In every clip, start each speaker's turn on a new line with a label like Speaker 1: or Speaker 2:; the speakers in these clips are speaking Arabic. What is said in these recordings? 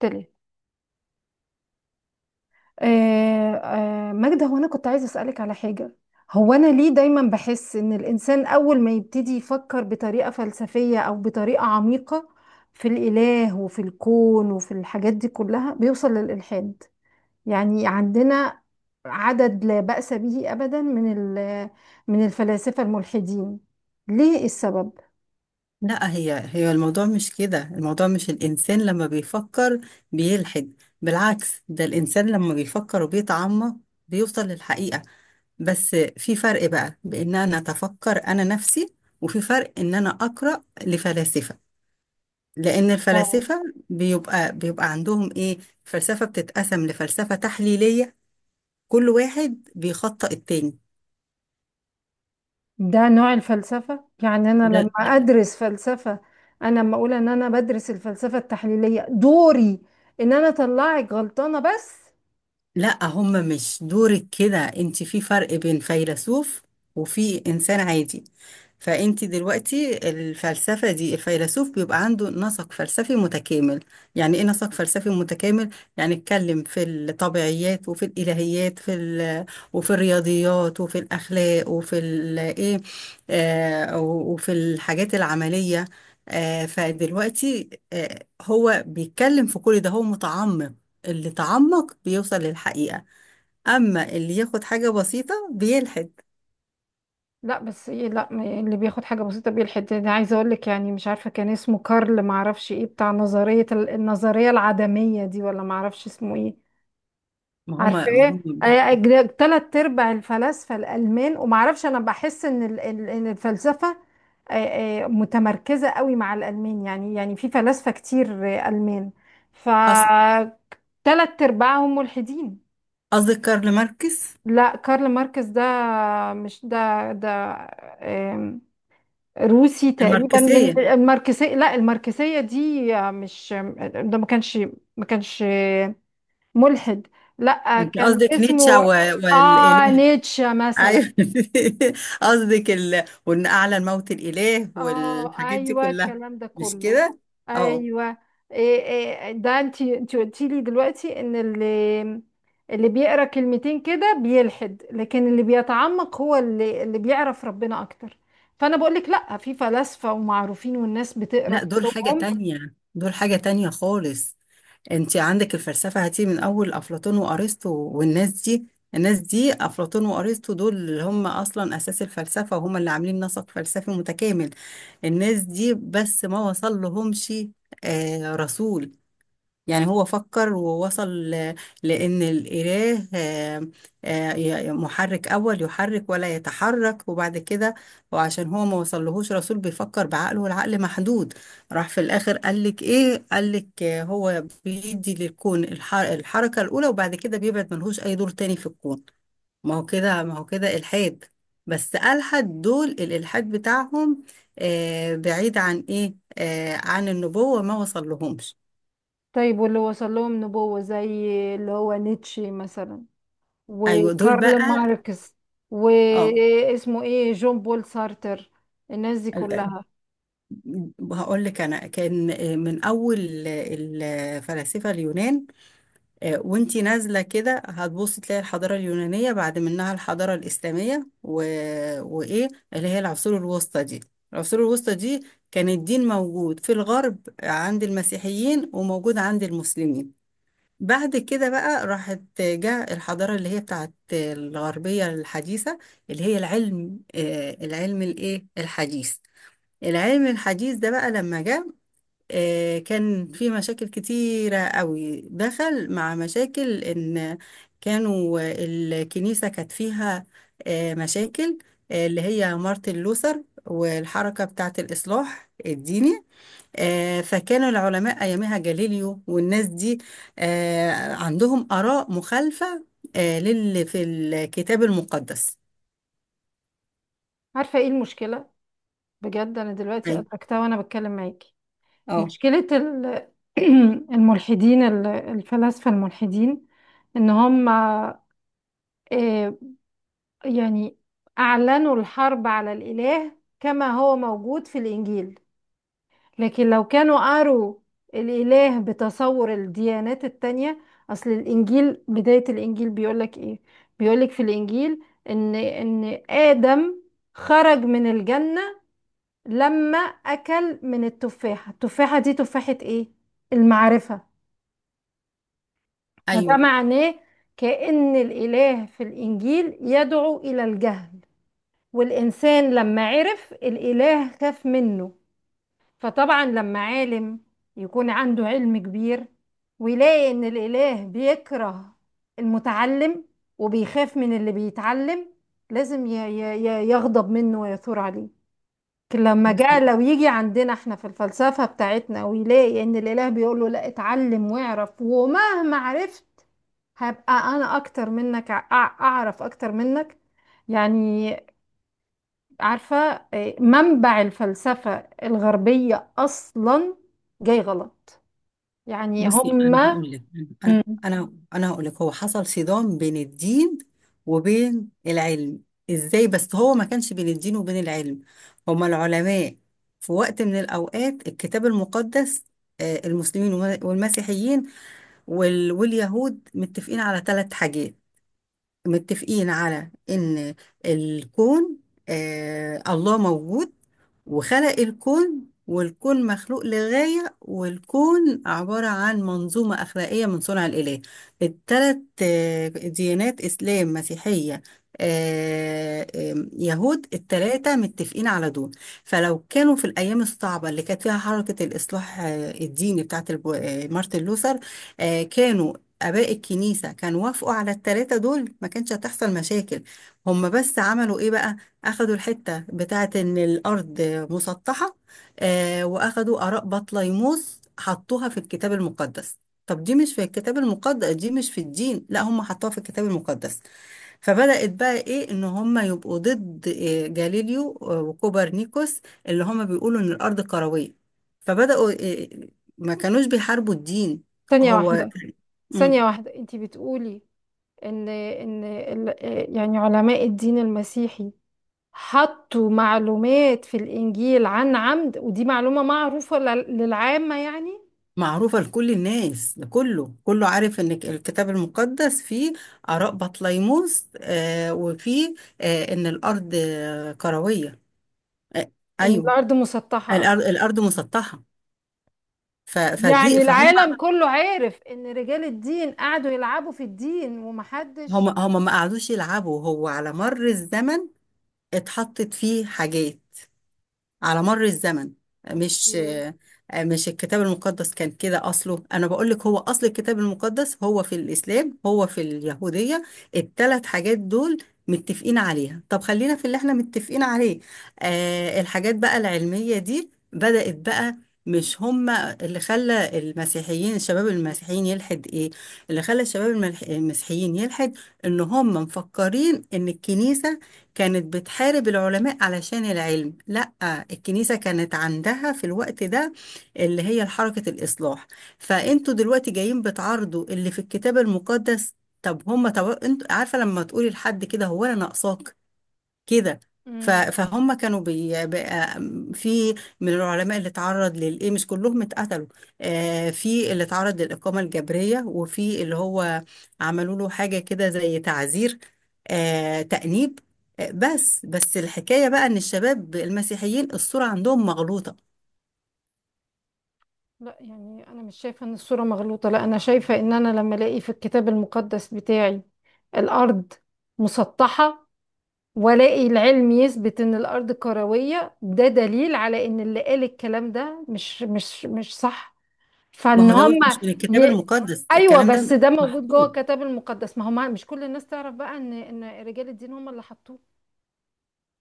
Speaker 1: تلت آه ماجدة، هو أنا كنت عايزة أسألك على حاجة. هو أنا ليه دايما بحس إن الإنسان أول ما يبتدي يفكر بطريقة فلسفية أو بطريقة عميقة في الإله وفي الكون وفي الحاجات دي كلها بيوصل للإلحاد؟ يعني عندنا عدد لا بأس به أبدا من من الفلاسفة الملحدين. ليه السبب؟
Speaker 2: لا، هي الموضوع مش كده. الموضوع مش الإنسان لما بيفكر بيلحد. بالعكس، ده الإنسان لما بيفكر وبيتعمق بيوصل للحقيقة. بس في فرق بقى بإن أنا أتفكر أنا نفسي، وفي فرق إن أنا أقرأ لفلاسفة. لأن
Speaker 1: اه،
Speaker 2: الفلاسفة بيبقى عندهم إيه، الفلسفة بتتقسم لفلسفة تحليلية، كل واحد بيخطئ التاني.
Speaker 1: ده نوع الفلسفة؟ يعني أنا لما
Speaker 2: ده
Speaker 1: أدرس فلسفة، أنا لما أقول إن أنا بدرس الفلسفة التحليلية دوري إن أنا أطلعك غلطانة بس؟
Speaker 2: لا، هم مش دورك كده. انت في فرق بين فيلسوف وفي انسان عادي. فانت دلوقتي الفلسفة دي الفيلسوف بيبقى عنده نسق فلسفي متكامل. يعني ايه نسق فلسفي متكامل؟ يعني اتكلم في الطبيعيات وفي الالهيات وفي الرياضيات وفي الاخلاق ايه، وفي الحاجات العملية. فدلوقتي هو بيتكلم في كل ده، هو متعمق. اللي تعمق بيوصل للحقيقة، أما اللي ياخد حاجة بسيطة بيلحد.
Speaker 1: لا بس إيه، لا ما- يعني اللي بياخد حاجة بسيطة بيلحد، أنا عايزة أقول لك يعني مش عارفة كان اسمه كارل، معرفش إيه، بتاع نظرية النظرية العدمية دي، ولا معرفش اسمه إيه.
Speaker 2: ما هما ما
Speaker 1: عارفاه.
Speaker 2: هم
Speaker 1: 3/4 ارباع الفلاسفه الالمان، ومعرفش انا بحس ان إن الفلسفه متمركزه قوي مع الالمان. يعني يعني في فلاسفه كتير المان. ف
Speaker 2: أصل،
Speaker 1: ثلاث ارباعهم ملحدين.
Speaker 2: قصدك كارل ماركس؟
Speaker 1: لا كارل ماركس ده، مش ده. آم، روسي تقريبا من
Speaker 2: الماركسية؟
Speaker 1: الماركسية. لا الماركسية دي مش ده، ما كانش، ما كانش ملحد. لا
Speaker 2: أنت
Speaker 1: كان
Speaker 2: قصدك
Speaker 1: اسمه،
Speaker 2: نيتشه
Speaker 1: اه
Speaker 2: والإله؟
Speaker 1: نيتشه مثلا.
Speaker 2: أيوه قصدك وإن أعلى الموت الإله
Speaker 1: اه
Speaker 2: والحاجات دي
Speaker 1: ايوه
Speaker 2: كلها،
Speaker 1: الكلام ده
Speaker 2: مش
Speaker 1: كله.
Speaker 2: كده؟ أه.
Speaker 1: ايوه. إيه، إيه ده، انت قلتي لي دلوقتي ان اللي، اللي بيقرا كلمتين كده بيلحد، لكن اللي بيتعمق هو اللي بيعرف ربنا اكتر. فانا بقول لك لا، في فلاسفه ومعروفين والناس بتقرا
Speaker 2: لا، دول حاجة
Speaker 1: كتبهم.
Speaker 2: تانية، دول حاجة تانية خالص. انت عندك الفلسفة هتيجي من اول افلاطون وارسطو والناس دي. الناس دي، افلاطون وارسطو، دول اللي هم اصلا اساس الفلسفة وهم اللي عاملين نسق فلسفي متكامل. الناس دي بس ما وصل لهمش رسول. يعني هو فكر ووصل لأن الإله محرك أول يحرك ولا يتحرك، وبعد كده وعشان هو ما وصلهوش رسول بيفكر بعقله والعقل محدود، راح في الآخر قالك إيه، قالك هو بيدي للكون الحركة الأولى، وبعد كده بيبعد ملهوش أي دور تاني في الكون. ما هو كده، ما هو كده إلحاد. بس ألحد. دول الإلحاد بتاعهم بعيد عن إيه، عن النبوة، ما وصل لهمش.
Speaker 1: طيب واللي وصل لهم نبوه زي اللي هو نيتشه مثلا،
Speaker 2: ايوه، دول بقى.
Speaker 1: وكارل ماركس،
Speaker 2: اه،
Speaker 1: واسمه ايه، جون بول سارتر، الناس دي كلها.
Speaker 2: هقول لك انا، كان من اول الفلاسفه اليونان، وانتي نازله كده هتبصي تلاقي الحضاره اليونانيه بعد منها الحضاره الاسلاميه وايه اللي هي العصور الوسطى دي. العصور الوسطى دي كان الدين موجود في الغرب عند المسيحيين، وموجود عند المسلمين. بعد كده بقى راحت جاء الحضاره اللي هي بتاعت الغربيه الحديثه، اللي هي العلم العلم الايه، الحديث. العلم الحديث ده بقى لما جه، كان في مشاكل كتيرة قوي، دخل مع مشاكل إن كانوا الكنيسة كانت فيها مشاكل، اللي هي مارتن لوثر والحركة بتاعة الإصلاح الديني. فكانوا العلماء أيامها جاليليو والناس دي عندهم آراء مخالفة للي في الكتاب المقدس.
Speaker 1: عارفة ايه المشكلة؟ بجد انا دلوقتي
Speaker 2: أيوه.
Speaker 1: ادركتها وانا بتكلم معاكي.
Speaker 2: أه.
Speaker 1: مشكلة الملحدين، الفلاسفة الملحدين، ان هم يعني اعلنوا الحرب على الاله كما هو موجود في الانجيل، لكن لو كانوا قروا الإله بتصور الديانات التانية. أصل الإنجيل، بداية الإنجيل بيقولك إيه؟ بيقولك في الإنجيل إن آدم خرج من الجنة لما أكل من التفاحة. التفاحة دي تفاحة إيه؟ المعرفة. فده
Speaker 2: أيوه.
Speaker 1: معناه كأن الإله في الإنجيل يدعو إلى الجهل، والإنسان لما عرف الإله خاف منه. فطبعا لما عالم يكون عنده علم كبير، ويلاقي ان الاله بيكره المتعلم، وبيخاف من اللي بيتعلم، لازم يغضب منه ويثور عليه. لكن لما
Speaker 2: بص،
Speaker 1: جاء، لو يجي عندنا احنا في الفلسفة بتاعتنا، ويلاقي ان الاله بيقول له لا اتعلم واعرف، ومهما عرفت هبقى انا اكتر منك، اعرف اكتر منك، يعني عارفة، منبع الفلسفة الغربية أصلا جاي غلط، يعني
Speaker 2: بصي انا
Speaker 1: هما.
Speaker 2: هقول لك انا
Speaker 1: مم.
Speaker 2: انا أنا هقول لك هو حصل صدام بين الدين وبين العلم. ازاي؟ بس هو ما كانش بين الدين وبين العلم، هما العلماء في وقت من الاوقات الكتاب المقدس، المسلمين والمسيحيين واليهود متفقين على ثلاث حاجات. متفقين على ان الكون الله موجود وخلق الكون، والكون مخلوق لغاية، والكون عبارة عن منظومة أخلاقية من صنع الإله. الثلاث ديانات، إسلام، مسيحية، آه، آم، يهود، الثلاثة متفقين على دول. فلو كانوا في الأيام الصعبة اللي كانت فيها حركة الإصلاح الديني بتاعت مارتن لوثر، كانوا آباء الكنيسة كانوا وافقوا على التلاتة دول، ما كانش هتحصل مشاكل. هم بس عملوا إيه بقى، أخدوا الحتة بتاعت إن الأرض مسطحة، وأخدوا آراء بطليموس حطوها في الكتاب المقدس. طب دي مش في الكتاب المقدس، دي مش في الدين، لا هم حطوها في الكتاب المقدس. فبدأت بقى إيه، إن هم يبقوا ضد جاليليو وكوبرنيكوس، اللي هم بيقولوا إن الأرض كروية. فبدأوا، آه، ما كانوش بيحاربوا الدين.
Speaker 1: ثانية
Speaker 2: هو
Speaker 1: واحدة،
Speaker 2: مم.
Speaker 1: ثانية واحدة، انتي بتقولي ان يعني علماء الدين المسيحي حطوا معلومات في الإنجيل عن عمد، ودي معلومة معروفة للعامة يعني؟
Speaker 2: معروفة لكل الناس، لكله، كله عارف ان الكتاب المقدس فيه آراء بطليموس وفيه ان الارض كروية. آه.
Speaker 1: ان
Speaker 2: ايوه.
Speaker 1: الأرض مسطحة أصلا؟
Speaker 2: الارض الارض مسطحة.
Speaker 1: يعني
Speaker 2: فدي فهم.
Speaker 1: العالم كله عارف ان رجال الدين قعدوا يلعبوا في الدين
Speaker 2: هم
Speaker 1: ومحدش؟
Speaker 2: هم ما قعدوش يلعبوا، هو على مر الزمن اتحطت فيه حاجات على مر الزمن. مش
Speaker 1: اوكي.
Speaker 2: مش الكتاب المقدس كان كده أصله. أنا بقول لك، هو أصل الكتاب المقدس هو في الإسلام، هو في اليهودية، الثلاث حاجات دول متفقين عليها. طب خلينا في اللي احنا متفقين عليه. الحاجات بقى العلمية دي بدأت بقى مش هما اللي خلى المسيحيين الشباب المسيحيين يلحد. ايه اللي خلى الشباب المسيحيين يلحد، ان هم مفكرين ان الكنيسة كانت بتحارب العلماء علشان العلم. لا، الكنيسة كانت عندها في الوقت ده اللي هي حركة الإصلاح، فأنتوا دلوقتي جايين بتعارضوا اللي في الكتاب المقدس. طب هما، طب انتوا عارفة لما تقولي لحد كده، هو أنا ناقصاك كده؟
Speaker 1: مم.
Speaker 2: فهم كانوا في من العلماء اللي اتعرض للايه، مش كلهم اتقتلوا. في اللي اتعرض للإقامة الجبرية، وفي اللي هو عملوا له حاجة كده زي تعزير، تأنيب. بس الحكاية بقى إن الشباب المسيحيين الصورة عندهم مغلوطة.
Speaker 1: لا يعني انا مش شايفه ان الصوره مغلوطه. لا انا شايفه ان انا لما الاقي في الكتاب المقدس بتاعي الارض مسطحه، والاقي العلم يثبت ان الارض كرويه، ده دليل على ان اللي قال الكلام ده مش صح.
Speaker 2: ما
Speaker 1: فان
Speaker 2: هو
Speaker 1: هم
Speaker 2: دوت مش من الكتاب
Speaker 1: ي...
Speaker 2: المقدس
Speaker 1: ايوه
Speaker 2: الكلام
Speaker 1: بس
Speaker 2: ده،
Speaker 1: ده موجود جوه
Speaker 2: محطوط.
Speaker 1: الكتاب المقدس. ما هو مش كل الناس تعرف بقى ان رجال الدين هم اللي حطوه،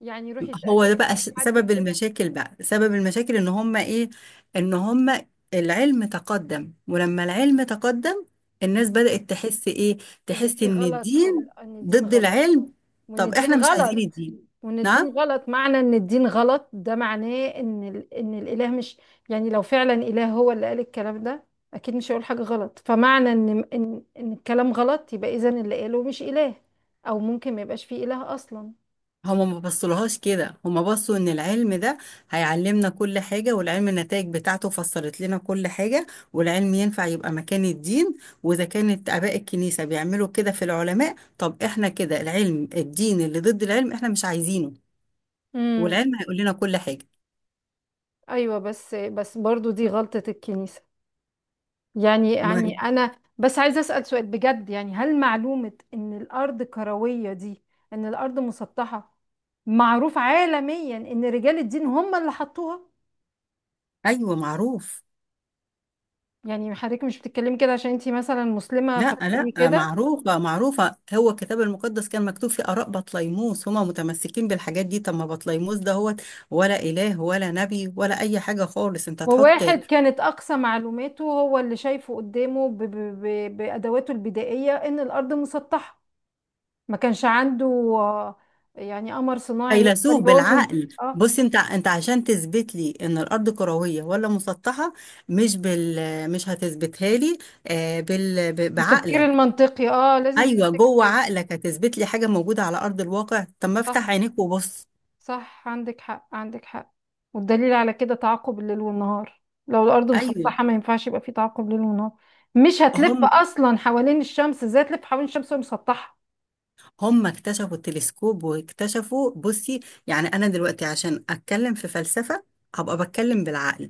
Speaker 1: يعني روحي اسالي
Speaker 2: هو ده بقى
Speaker 1: اي حد
Speaker 2: سبب
Speaker 1: كده.
Speaker 2: المشاكل، بقى سبب المشاكل ان هم ايه، ان هم العلم تقدم، ولما العلم تقدم الناس بدأت تحس ايه،
Speaker 1: ان
Speaker 2: تحس
Speaker 1: في
Speaker 2: ان
Speaker 1: غلط في ال...
Speaker 2: الدين
Speaker 1: ان الدين
Speaker 2: ضد
Speaker 1: غلط،
Speaker 2: العلم.
Speaker 1: وان
Speaker 2: طب
Speaker 1: الدين
Speaker 2: احنا مش عايزين
Speaker 1: غلط.
Speaker 2: الدين.
Speaker 1: وان
Speaker 2: نعم.
Speaker 1: الدين غلط معنى ان الدين غلط، ده معناه ان ال... ان الاله مش، يعني لو فعلا اله هو اللي قال الكلام ده اكيد مش هيقول حاجه غلط. فمعنى ان ان الكلام غلط، يبقى اذا اللي قاله مش اله، او ممكن ما يبقاش فيه اله اصلا.
Speaker 2: هما ما بصلهاش كده، هما بصوا ان العلم ده هيعلمنا كل حاجة، والعلم النتائج بتاعته فسرت لنا كل حاجة، والعلم ينفع يبقى مكان الدين، واذا كانت اباء الكنيسة بيعملوا كده في العلماء، طب احنا كده العلم، الدين اللي ضد العلم احنا مش عايزينه،
Speaker 1: امم.
Speaker 2: والعلم هيقول لنا كل حاجة.
Speaker 1: ايوه بس، بس برضو دي غلطه الكنيسه. يعني
Speaker 2: ما
Speaker 1: يعني انا بس عايزه اسال سؤال بجد، يعني هل معلومه ان الارض كرويه دي، ان الارض مسطحه، معروف عالميا ان رجال الدين هم اللي حطوها؟
Speaker 2: ايوه، معروف.
Speaker 1: يعني حضرتك مش بتتكلمي كده عشان انتي مثلا مسلمه
Speaker 2: لا،
Speaker 1: فبتقولي
Speaker 2: لا
Speaker 1: كده؟
Speaker 2: معروفة، معروفة هو الكتاب المقدس كان مكتوب فيه آراء بطليموس، هما متمسكين بالحاجات دي. طب ما بطليموس دهوت ولا إله ولا نبي ولا أي حاجة خالص، أنت تحط
Speaker 1: وواحد كانت اقصى معلوماته هو اللي شايفه قدامه ب ب ب بادواته البدائيه ان الارض مسطحه. ما كانش عنده آه، يعني قمر صناعي يقدر
Speaker 2: فيلسوف
Speaker 1: يقول له يشوف.
Speaker 2: بالعقل.
Speaker 1: اه،
Speaker 2: بص، أنت عشان تثبت لي إن الأرض كروية ولا مسطحة، مش بال مش هتثبتها لي بال
Speaker 1: والتفكير
Speaker 2: بعقلك.
Speaker 1: المنطقي، اه لازم
Speaker 2: أيوه، جوه
Speaker 1: تفتكر.
Speaker 2: عقلك هتثبت لي حاجة موجودة على أرض الواقع؟ طب ما افتح
Speaker 1: صح،
Speaker 2: عينيك وبص.
Speaker 1: صح، عندك حق، عندك حق. والدليل على كده تعاقب الليل والنهار، لو الأرض
Speaker 2: أيوه.
Speaker 1: مسطحة ما ينفعش يبقى في تعاقب ليل ونهار. مش هتلف
Speaker 2: هم
Speaker 1: أصلا حوالين الشمس، ازاي تلف حوالين الشمس وهي مسطحة؟
Speaker 2: هم اكتشفوا التلسكوب واكتشفوا. بصي، يعني انا دلوقتي عشان اتكلم في فلسفة هبقى بتكلم بالعقل،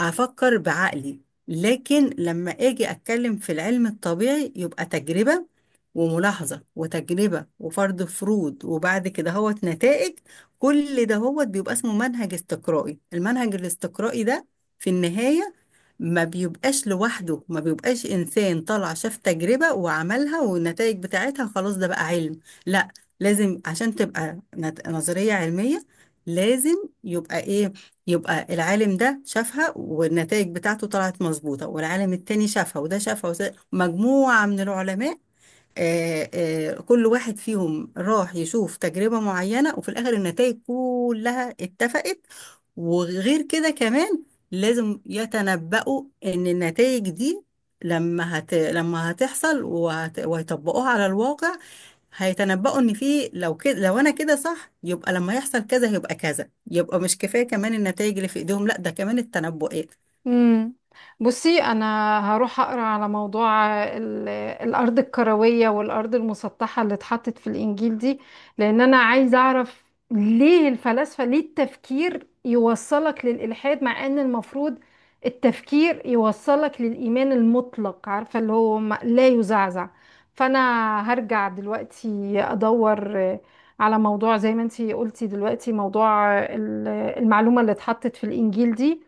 Speaker 2: افكر بعقلي. لكن لما اجي اتكلم في العلم الطبيعي يبقى تجربة وملاحظة وتجربة وفرض فروض، وبعد كده هوت نتائج. كل ده هوت بيبقى اسمه منهج استقرائي. المنهج الاستقرائي ده في النهاية ما بيبقاش لوحده، ما بيبقاش إنسان طلع شاف تجربة وعملها والنتائج بتاعتها خلاص ده بقى علم. لا، لازم عشان تبقى نظرية علمية، لازم يبقى ايه، يبقى العالم ده شافها والنتائج بتاعته طلعت مظبوطة، والعالم التاني شافها، وده شافها، وده مجموعة من العلماء، كل واحد فيهم راح يشوف تجربة معينة، وفي الآخر النتائج كلها اتفقت. وغير كده كمان، لازم يتنبؤوا ان النتائج دي لما هتحصل ويطبقوها على الواقع، هيتنبؤوا ان في، لو كده، لو انا كده صح يبقى لما يحصل كذا هيبقى كذا، يبقى مش كفاية كمان النتائج اللي في ايديهم، لا ده كمان التنبؤات.
Speaker 1: امم. بصي انا هروح اقرا على موضوع الارض الكرويه والارض المسطحه اللي اتحطت في الانجيل دي، لان انا عايزه اعرف ليه الفلاسفه، ليه التفكير يوصلك للالحاد، مع ان المفروض التفكير يوصلك للايمان المطلق، عارفه اللي هو لا يزعزع. فانا هرجع دلوقتي ادور على موضوع زي ما انتي قلتي دلوقتي، موضوع المعلومه اللي اتحطت في الانجيل دي،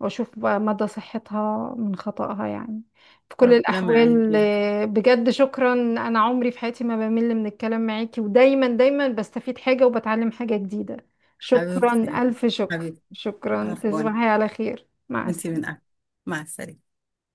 Speaker 1: واشوف بقى مدى صحتها من خطأها يعني. في كل
Speaker 2: ربنا
Speaker 1: الاحوال
Speaker 2: معاكي.
Speaker 1: بجد شكرا، انا عمري في حياتي ما بمل من الكلام معاكي، ودايما دايما بستفيد حاجة وبتعلم حاجة جديدة. شكرا،
Speaker 2: حبيبتي،
Speaker 1: الف شكر،
Speaker 2: حبيبتي،
Speaker 1: شكرا،
Speaker 2: عفوا،
Speaker 1: تصبحي على خير، مع
Speaker 2: وانتي من
Speaker 1: السلامة.
Speaker 2: أهل. مع السلامة.